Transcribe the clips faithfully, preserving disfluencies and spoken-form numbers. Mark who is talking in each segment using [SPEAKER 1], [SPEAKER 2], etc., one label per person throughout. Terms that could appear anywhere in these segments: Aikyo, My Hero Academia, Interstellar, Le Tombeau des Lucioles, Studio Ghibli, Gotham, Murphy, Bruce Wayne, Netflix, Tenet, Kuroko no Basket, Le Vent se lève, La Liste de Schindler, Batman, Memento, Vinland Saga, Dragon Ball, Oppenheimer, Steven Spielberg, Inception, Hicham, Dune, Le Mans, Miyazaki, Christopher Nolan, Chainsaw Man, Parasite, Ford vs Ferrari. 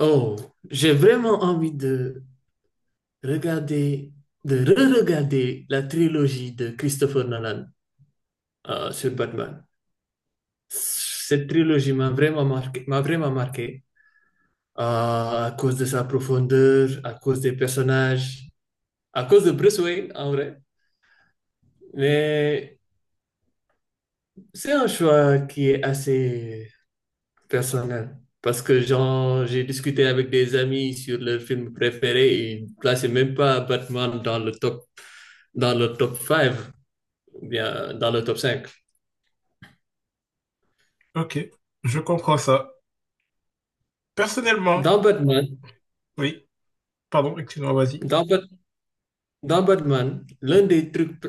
[SPEAKER 1] Oh, j'ai vraiment envie de regarder, de re-regarder la trilogie de Christopher Nolan euh, sur Batman. Cette trilogie m'a vraiment marqué, m'a vraiment marqué euh, à cause de sa profondeur, à cause des personnages, à cause de Bruce Wayne en vrai. Mais c'est un choix qui est assez personnel. Parce que genre, j'ai discuté avec des amis sur leur film préféré et ils ne plaçaient même pas Batman dans le top, dans le top cinq, ou bien dans le top cinq.
[SPEAKER 2] Ok, je comprends ça. Personnellement,
[SPEAKER 1] Dans Batman,
[SPEAKER 2] oui, pardon, excuse-moi, vas-y.
[SPEAKER 1] dans, Bat- dans Batman, l'un des trucs,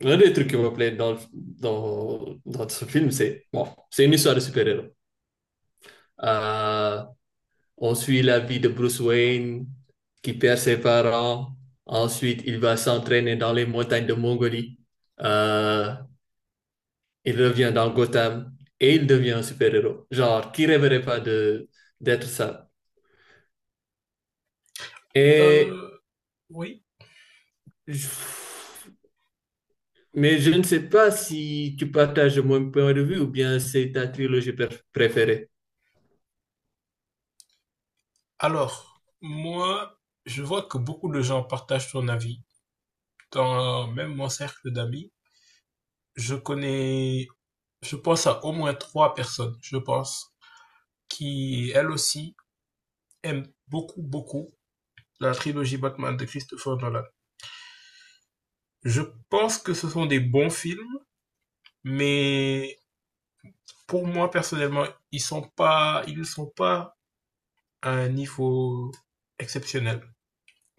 [SPEAKER 1] l'un des trucs qui me plaît dans, le- dans, dans ce film, c'est bon, c'est une histoire de super-héros. Euh, on suit la vie de Bruce Wayne qui perd ses parents. Ensuite, il va s'entraîner dans les montagnes de Mongolie. Euh, il revient dans Gotham et il devient un super-héros. Genre, qui rêverait pas de d'être ça? Et
[SPEAKER 2] Euh, oui,
[SPEAKER 1] je- mais je ne sais pas si tu partages mon point de vue ou bien c'est ta trilogie préf- préférée.
[SPEAKER 2] alors, moi, je vois que beaucoup de gens partagent ton avis. Dans même mon cercle d'amis, je connais, je pense à au moins trois personnes, je pense, qui, elles aussi, aiment beaucoup, beaucoup la trilogie Batman de Christopher Nolan. Je pense que ce sont des bons films, mais pour moi, personnellement, ils sont pas, ils ne sont pas à un niveau exceptionnel.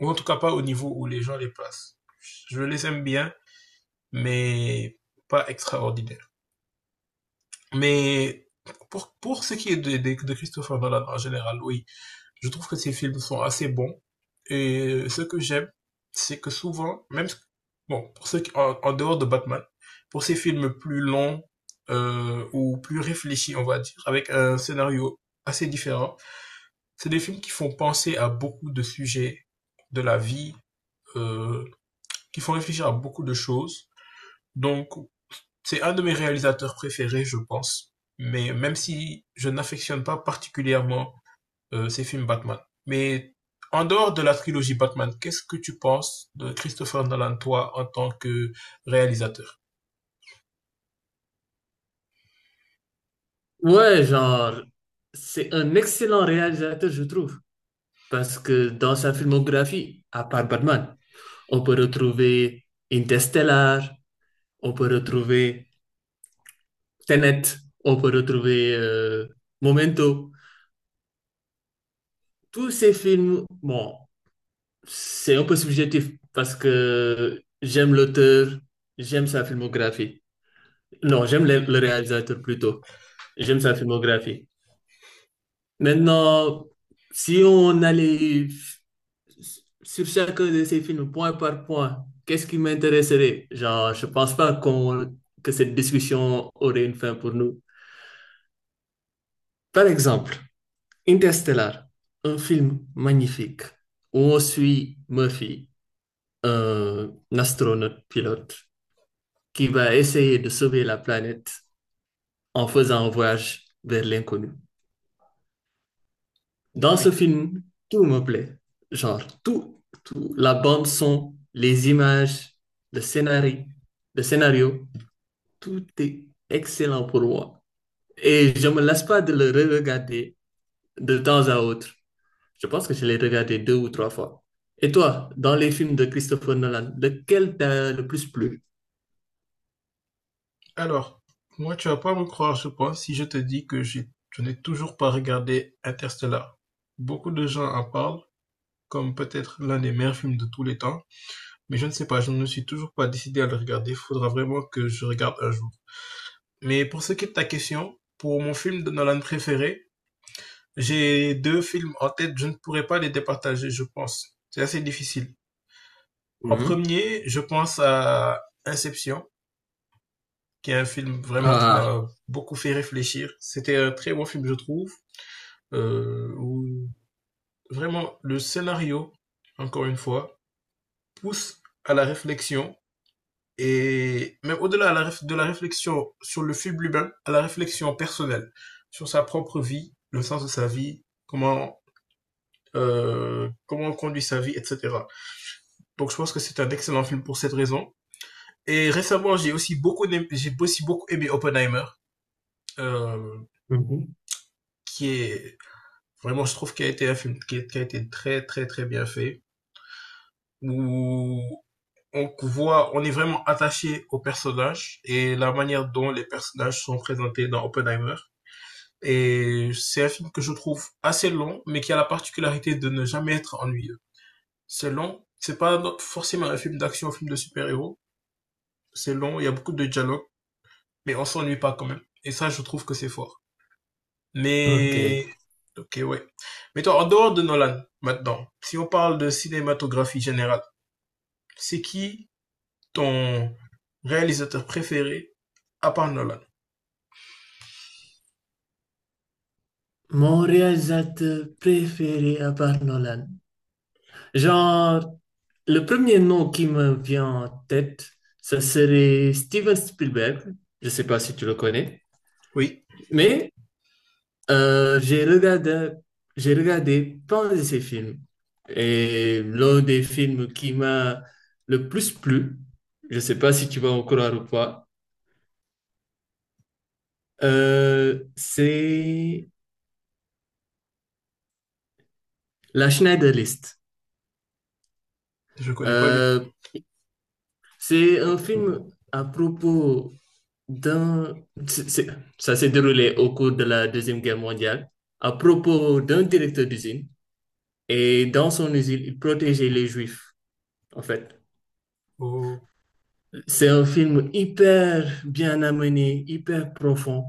[SPEAKER 2] Ou en tout cas pas au niveau où les gens les placent. Je les aime bien, mais pas extraordinaire. Mais pour, pour ce qui est de, de, de Christopher Nolan en général, oui, je trouve que ses films sont assez bons. Et ce que j'aime, c'est que souvent, même bon, pour ceux qui, en, en, dehors de Batman, pour ces films plus longs euh, ou plus réfléchis, on va dire, avec un scénario assez différent, c'est des films qui font penser à beaucoup de sujets de la vie, euh, qui font réfléchir à beaucoup de choses. Donc, c'est un de mes réalisateurs préférés, je pense. Mais même si je n'affectionne pas particulièrement euh, ses films Batman. Mais en dehors de la trilogie Batman, qu'est-ce que tu penses de Christopher Nolan, toi, en tant que réalisateur?
[SPEAKER 1] Ouais, genre, c'est un excellent réalisateur, je trouve. Parce que dans sa filmographie, à part Batman, on peut retrouver Interstellar, on peut retrouver Tenet, on peut retrouver euh, Momento. Tous ces films, bon, c'est un peu subjectif parce que j'aime l'auteur, j'aime sa filmographie. Non, j'aime le le réalisateur plutôt. J'aime sa filmographie. Maintenant, si on allait sur chacun de ces films point par point, qu'est-ce qui m'intéresserait? Genre, je pense pas qu'on que cette discussion aurait une fin pour nous. Par exemple, Interstellar, un film magnifique où on suit Murphy, un astronaute pilote, qui va essayer de sauver la planète en faisant un voyage vers l'inconnu. Dans ce
[SPEAKER 2] Oui.
[SPEAKER 1] film, tout me plaît. Genre, tout, tout. La bande son, les images, le scénario, le scénario, tout est excellent pour moi. Et je me lasse pas de le re-regarder de temps à autre. Je pense que je l'ai regardé deux ou trois fois. Et toi, dans les films de Christopher Nolan, lequel t'a le plus plu?
[SPEAKER 2] Alors, moi, tu vas pas me croire, je pense, si je te dis que j'ai- je n'ai toujours pas regardé Interstellar. Beaucoup de gens en parlent, comme peut-être l'un des meilleurs films de tous les temps. Mais je ne sais pas, je ne me suis toujours pas décidé à le regarder. Il faudra vraiment que je regarde un jour. Mais pour ce qui est de ta question, pour mon film de Nolan préféré, j'ai deux films en tête. Je ne pourrais pas les départager, je pense. C'est assez difficile. En
[SPEAKER 1] Mhm.
[SPEAKER 2] premier, je pense à Inception, qui est un film vraiment qui
[SPEAKER 1] Ah,
[SPEAKER 2] m'a beaucoup fait réfléchir. C'était un très bon film, je trouve. Euh, où vraiment le scénario, encore une fois, pousse à la réflexion et même au-delà à la de la réflexion sur le film lui-même, à la réflexion personnelle sur sa propre vie, le sens de sa vie, comment euh, comment on conduit sa vie, et cetera. Donc je pense que c'est un excellent film pour cette raison. Et récemment, j'ai aussi beaucoup aimé, j'ai aussi beaucoup aimé Oppenheimer, euh,
[SPEAKER 1] mhm.
[SPEAKER 2] qui est vraiment, je trouve, qui a été un film qui, qui a été très très très bien fait, où on voit, on est vraiment attaché aux personnages et la manière dont les personnages sont présentés dans Oppenheimer. Et c'est un film que je trouve assez long, mais qui a la particularité de ne jamais être ennuyeux. C'est long, c'est pas no- forcément un film d'action, un film de super-héros. C'est long, il y a beaucoup de dialogues, mais on s'ennuie pas quand même. Et ça, je trouve que c'est fort.
[SPEAKER 1] Ok.
[SPEAKER 2] Mais, ok, ouais. Mais toi, en dehors de Nolan, maintenant, si on parle de cinématographie générale, c'est qui ton réalisateur préféré à part Nolan?
[SPEAKER 1] Mon réalisateur préféré à part Nolan. Genre, le premier nom qui me vient en tête, ça serait Steven Spielberg. Je sais pas si tu le connais,
[SPEAKER 2] Oui,
[SPEAKER 1] mais euh, j'ai regardé, j'ai regardé plein de ses films. Et l'un des films qui m'a le plus plu, je sais pas si tu vas en croire ou pas, euh, c'est La Schneider List.
[SPEAKER 2] je connais pas du tout.
[SPEAKER 1] Euh, C'est un film. À propos d'un... c'est- c'est- Ça s'est déroulé au cours de la Deuxième Guerre mondiale, à propos d'un directeur d'usine. Et dans son usine, il protégeait les Juifs, en fait.
[SPEAKER 2] Oh,
[SPEAKER 1] C'est un film hyper bien amené, hyper profond.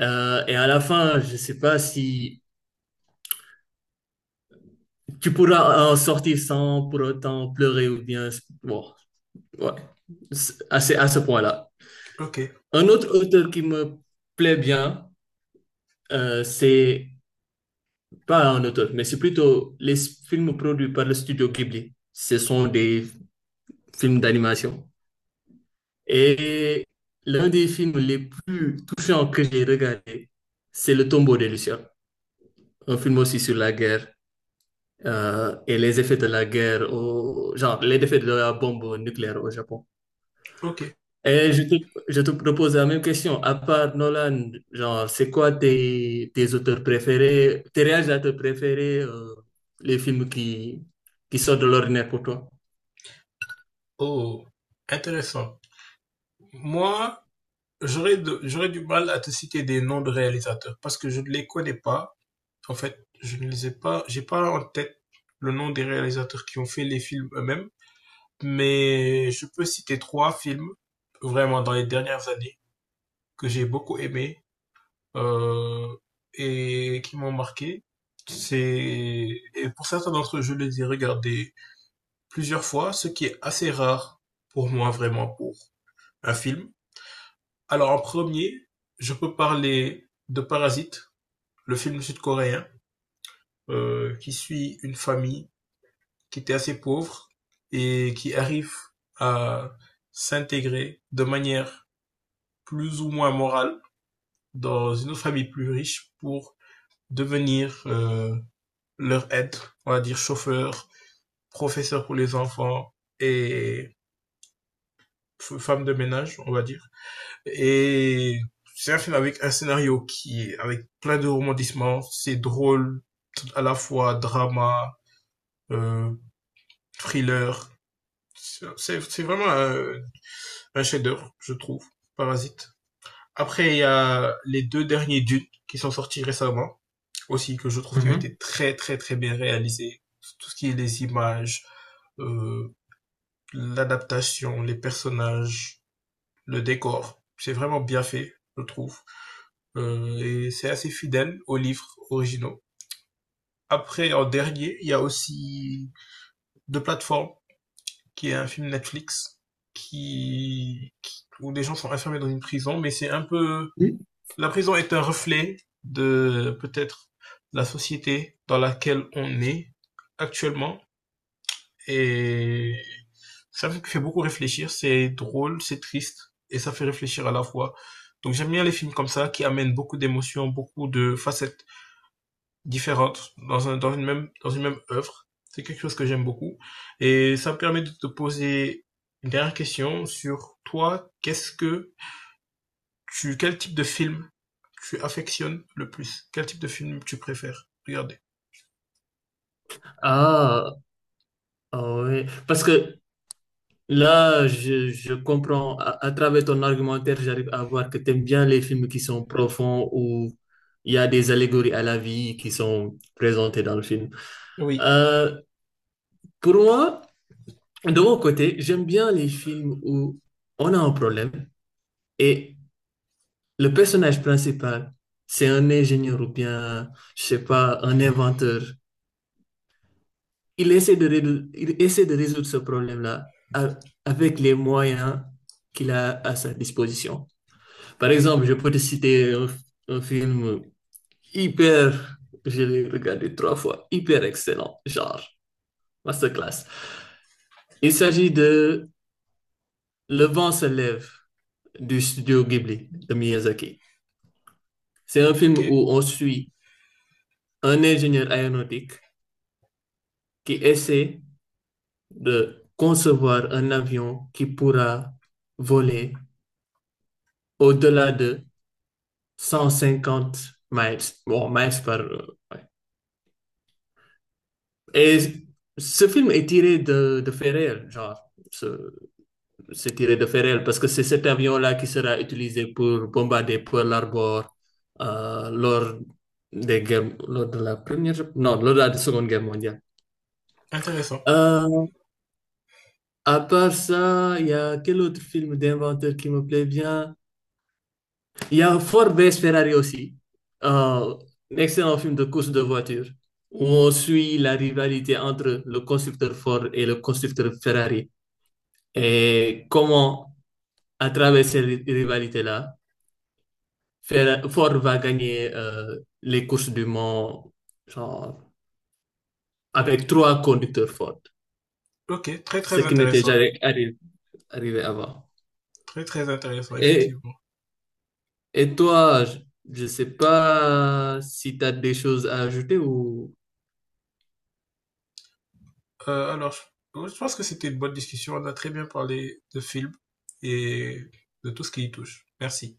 [SPEAKER 1] Euh, et à la fin, je ne sais pas si tu pourras en sortir sans pour autant pleurer ou bien. Bon, ouais, C'est- à ce à ce point-là.
[SPEAKER 2] ok,
[SPEAKER 1] Un autre auteur qui me plaît bien, euh, c'est pas un auteur, mais c'est plutôt les films produits par le studio Ghibli. Ce sont des films d'animation. Et l'un des films les plus touchants que j'ai regardé, c'est Le tombeau des Lucioles, un film aussi sur la guerre euh, et les effets de la guerre, au, genre les effets de la bombe nucléaire au Japon.
[SPEAKER 2] ok.
[SPEAKER 1] Et je te, je te propose la même question. À part Nolan, genre, c'est quoi tes, tes, auteurs préférés, tes réalisateurs préférés, euh, les films qui, qui sortent de l'ordinaire pour toi?
[SPEAKER 2] Oh, intéressant. Moi, J'aurais de j'aurais du mal à te citer des noms de réalisateurs parce que je ne les connais pas. En fait, je ne les ai pas j'ai pas en tête le nom des réalisateurs qui ont fait les films eux-mêmes, mais je peux citer trois films vraiment dans les dernières années que j'ai beaucoup aimés, euh, et qui m'ont marqué. C'est et pour certains d'entre eux, je les ai regardés plusieurs fois, ce qui est assez rare pour moi vraiment pour un film. Alors en premier, je peux parler de Parasite, le film sud-coréen euh, qui suit une famille qui était assez pauvre et qui arrive à s'intégrer de manière plus ou moins morale dans une autre famille plus riche pour devenir euh, leur aide, on va dire chauffeur, professeur pour les enfants et femme de ménage, on va dire. Et c'est un film avec un scénario qui est avec plein de rebondissements, c'est drôle, à la fois drama, euh, thriller. C'est c'est vraiment un, un chef-d'œuvre, je trouve. Parasite. Après, il y a les deux derniers Dune qui sont sortis récemment aussi que je trouve qui ont
[SPEAKER 1] Mhm.
[SPEAKER 2] été très très très bien réalisés. Tout ce qui est les images, euh, l'adaptation, les personnages, le décor, c'est vraiment bien fait, je trouve. Euh, et c'est assez fidèle aux livres originaux. Après, en dernier, il y a aussi deux plateformes qui est un film Netflix qui, qui- où des gens sont enfermés dans une prison, mais c'est un peu
[SPEAKER 1] Oui.
[SPEAKER 2] la prison est un reflet de peut-être la société dans laquelle on est actuellement et ça me fait beaucoup réfléchir. C'est drôle, c'est triste et ça fait réfléchir à la fois. Donc j'aime bien les films comme ça qui amènent beaucoup d'émotions, beaucoup de facettes différentes dans un, dans une même, dans une même œuvre. C'est quelque chose que j'aime beaucoup. Et ça me permet de te poser une dernière question sur toi. Qu'est-ce que tu, quel type de film tu affectionnes le plus? Quel type de film tu préfères regarder?
[SPEAKER 1] Ah, ah ouais. Parce que là, je, je comprends, à, à travers ton argumentaire, j'arrive à voir que tu aimes bien les films qui sont profonds, où il y a des allégories à la vie qui sont présentées dans le film.
[SPEAKER 2] Oui.
[SPEAKER 1] Euh, pour moi, De mon côté, j'aime bien les films où on a un problème et le personnage principal, c'est un ingénieur ou bien, je sais pas, un inventeur. Il essaie de résoudre, il essaie de résoudre ce problème-là a- avec les moyens qu'il a à sa disposition. Par exemple, je peux te citer un, un film hyper, je l'ai regardé trois fois, hyper excellent, genre masterclass. Il s'agit de Le vent se lève, du studio Ghibli de Miyazaki. C'est un
[SPEAKER 2] Ok,
[SPEAKER 1] film où on suit un ingénieur aéronautique qui essaie de concevoir un avion qui pourra voler au-delà de cent cinquante miles, bon, miles par, ouais. Et ce film est tiré de, de faits réels, genre, ce- c'est tiré de Ferrel parce que c'est cet avion-là qui sera utilisé pour bombarder Pearl Harbor euh, lors des guerres, lors de la première, non, lors de la Seconde Guerre mondiale.
[SPEAKER 2] intéressant.
[SPEAKER 1] Euh, à part ça, il y a quel autre film d'inventeur qui me plaît bien? Il y a Ford vs Ferrari aussi, Euh, un excellent film de course de voiture où on suit la rivalité entre le constructeur Ford et le constructeur Ferrari et comment, à travers ces ri- rivalités-là, Fer- Ford va gagner euh, les courses du Mans genre, avec trois conducteurs Ford,
[SPEAKER 2] Ok, très
[SPEAKER 1] ce
[SPEAKER 2] très
[SPEAKER 1] qui n'était
[SPEAKER 2] intéressant.
[SPEAKER 1] jamais arri- arrivé avant.
[SPEAKER 2] Très très intéressant,
[SPEAKER 1] Et,
[SPEAKER 2] effectivement.
[SPEAKER 1] et toi, je ne sais pas si tu as des choses à ajouter ou.
[SPEAKER 2] Euh, alors, je je pense que c'était une bonne discussion. On a très bien parlé de films et de tout ce qui y touche. Merci.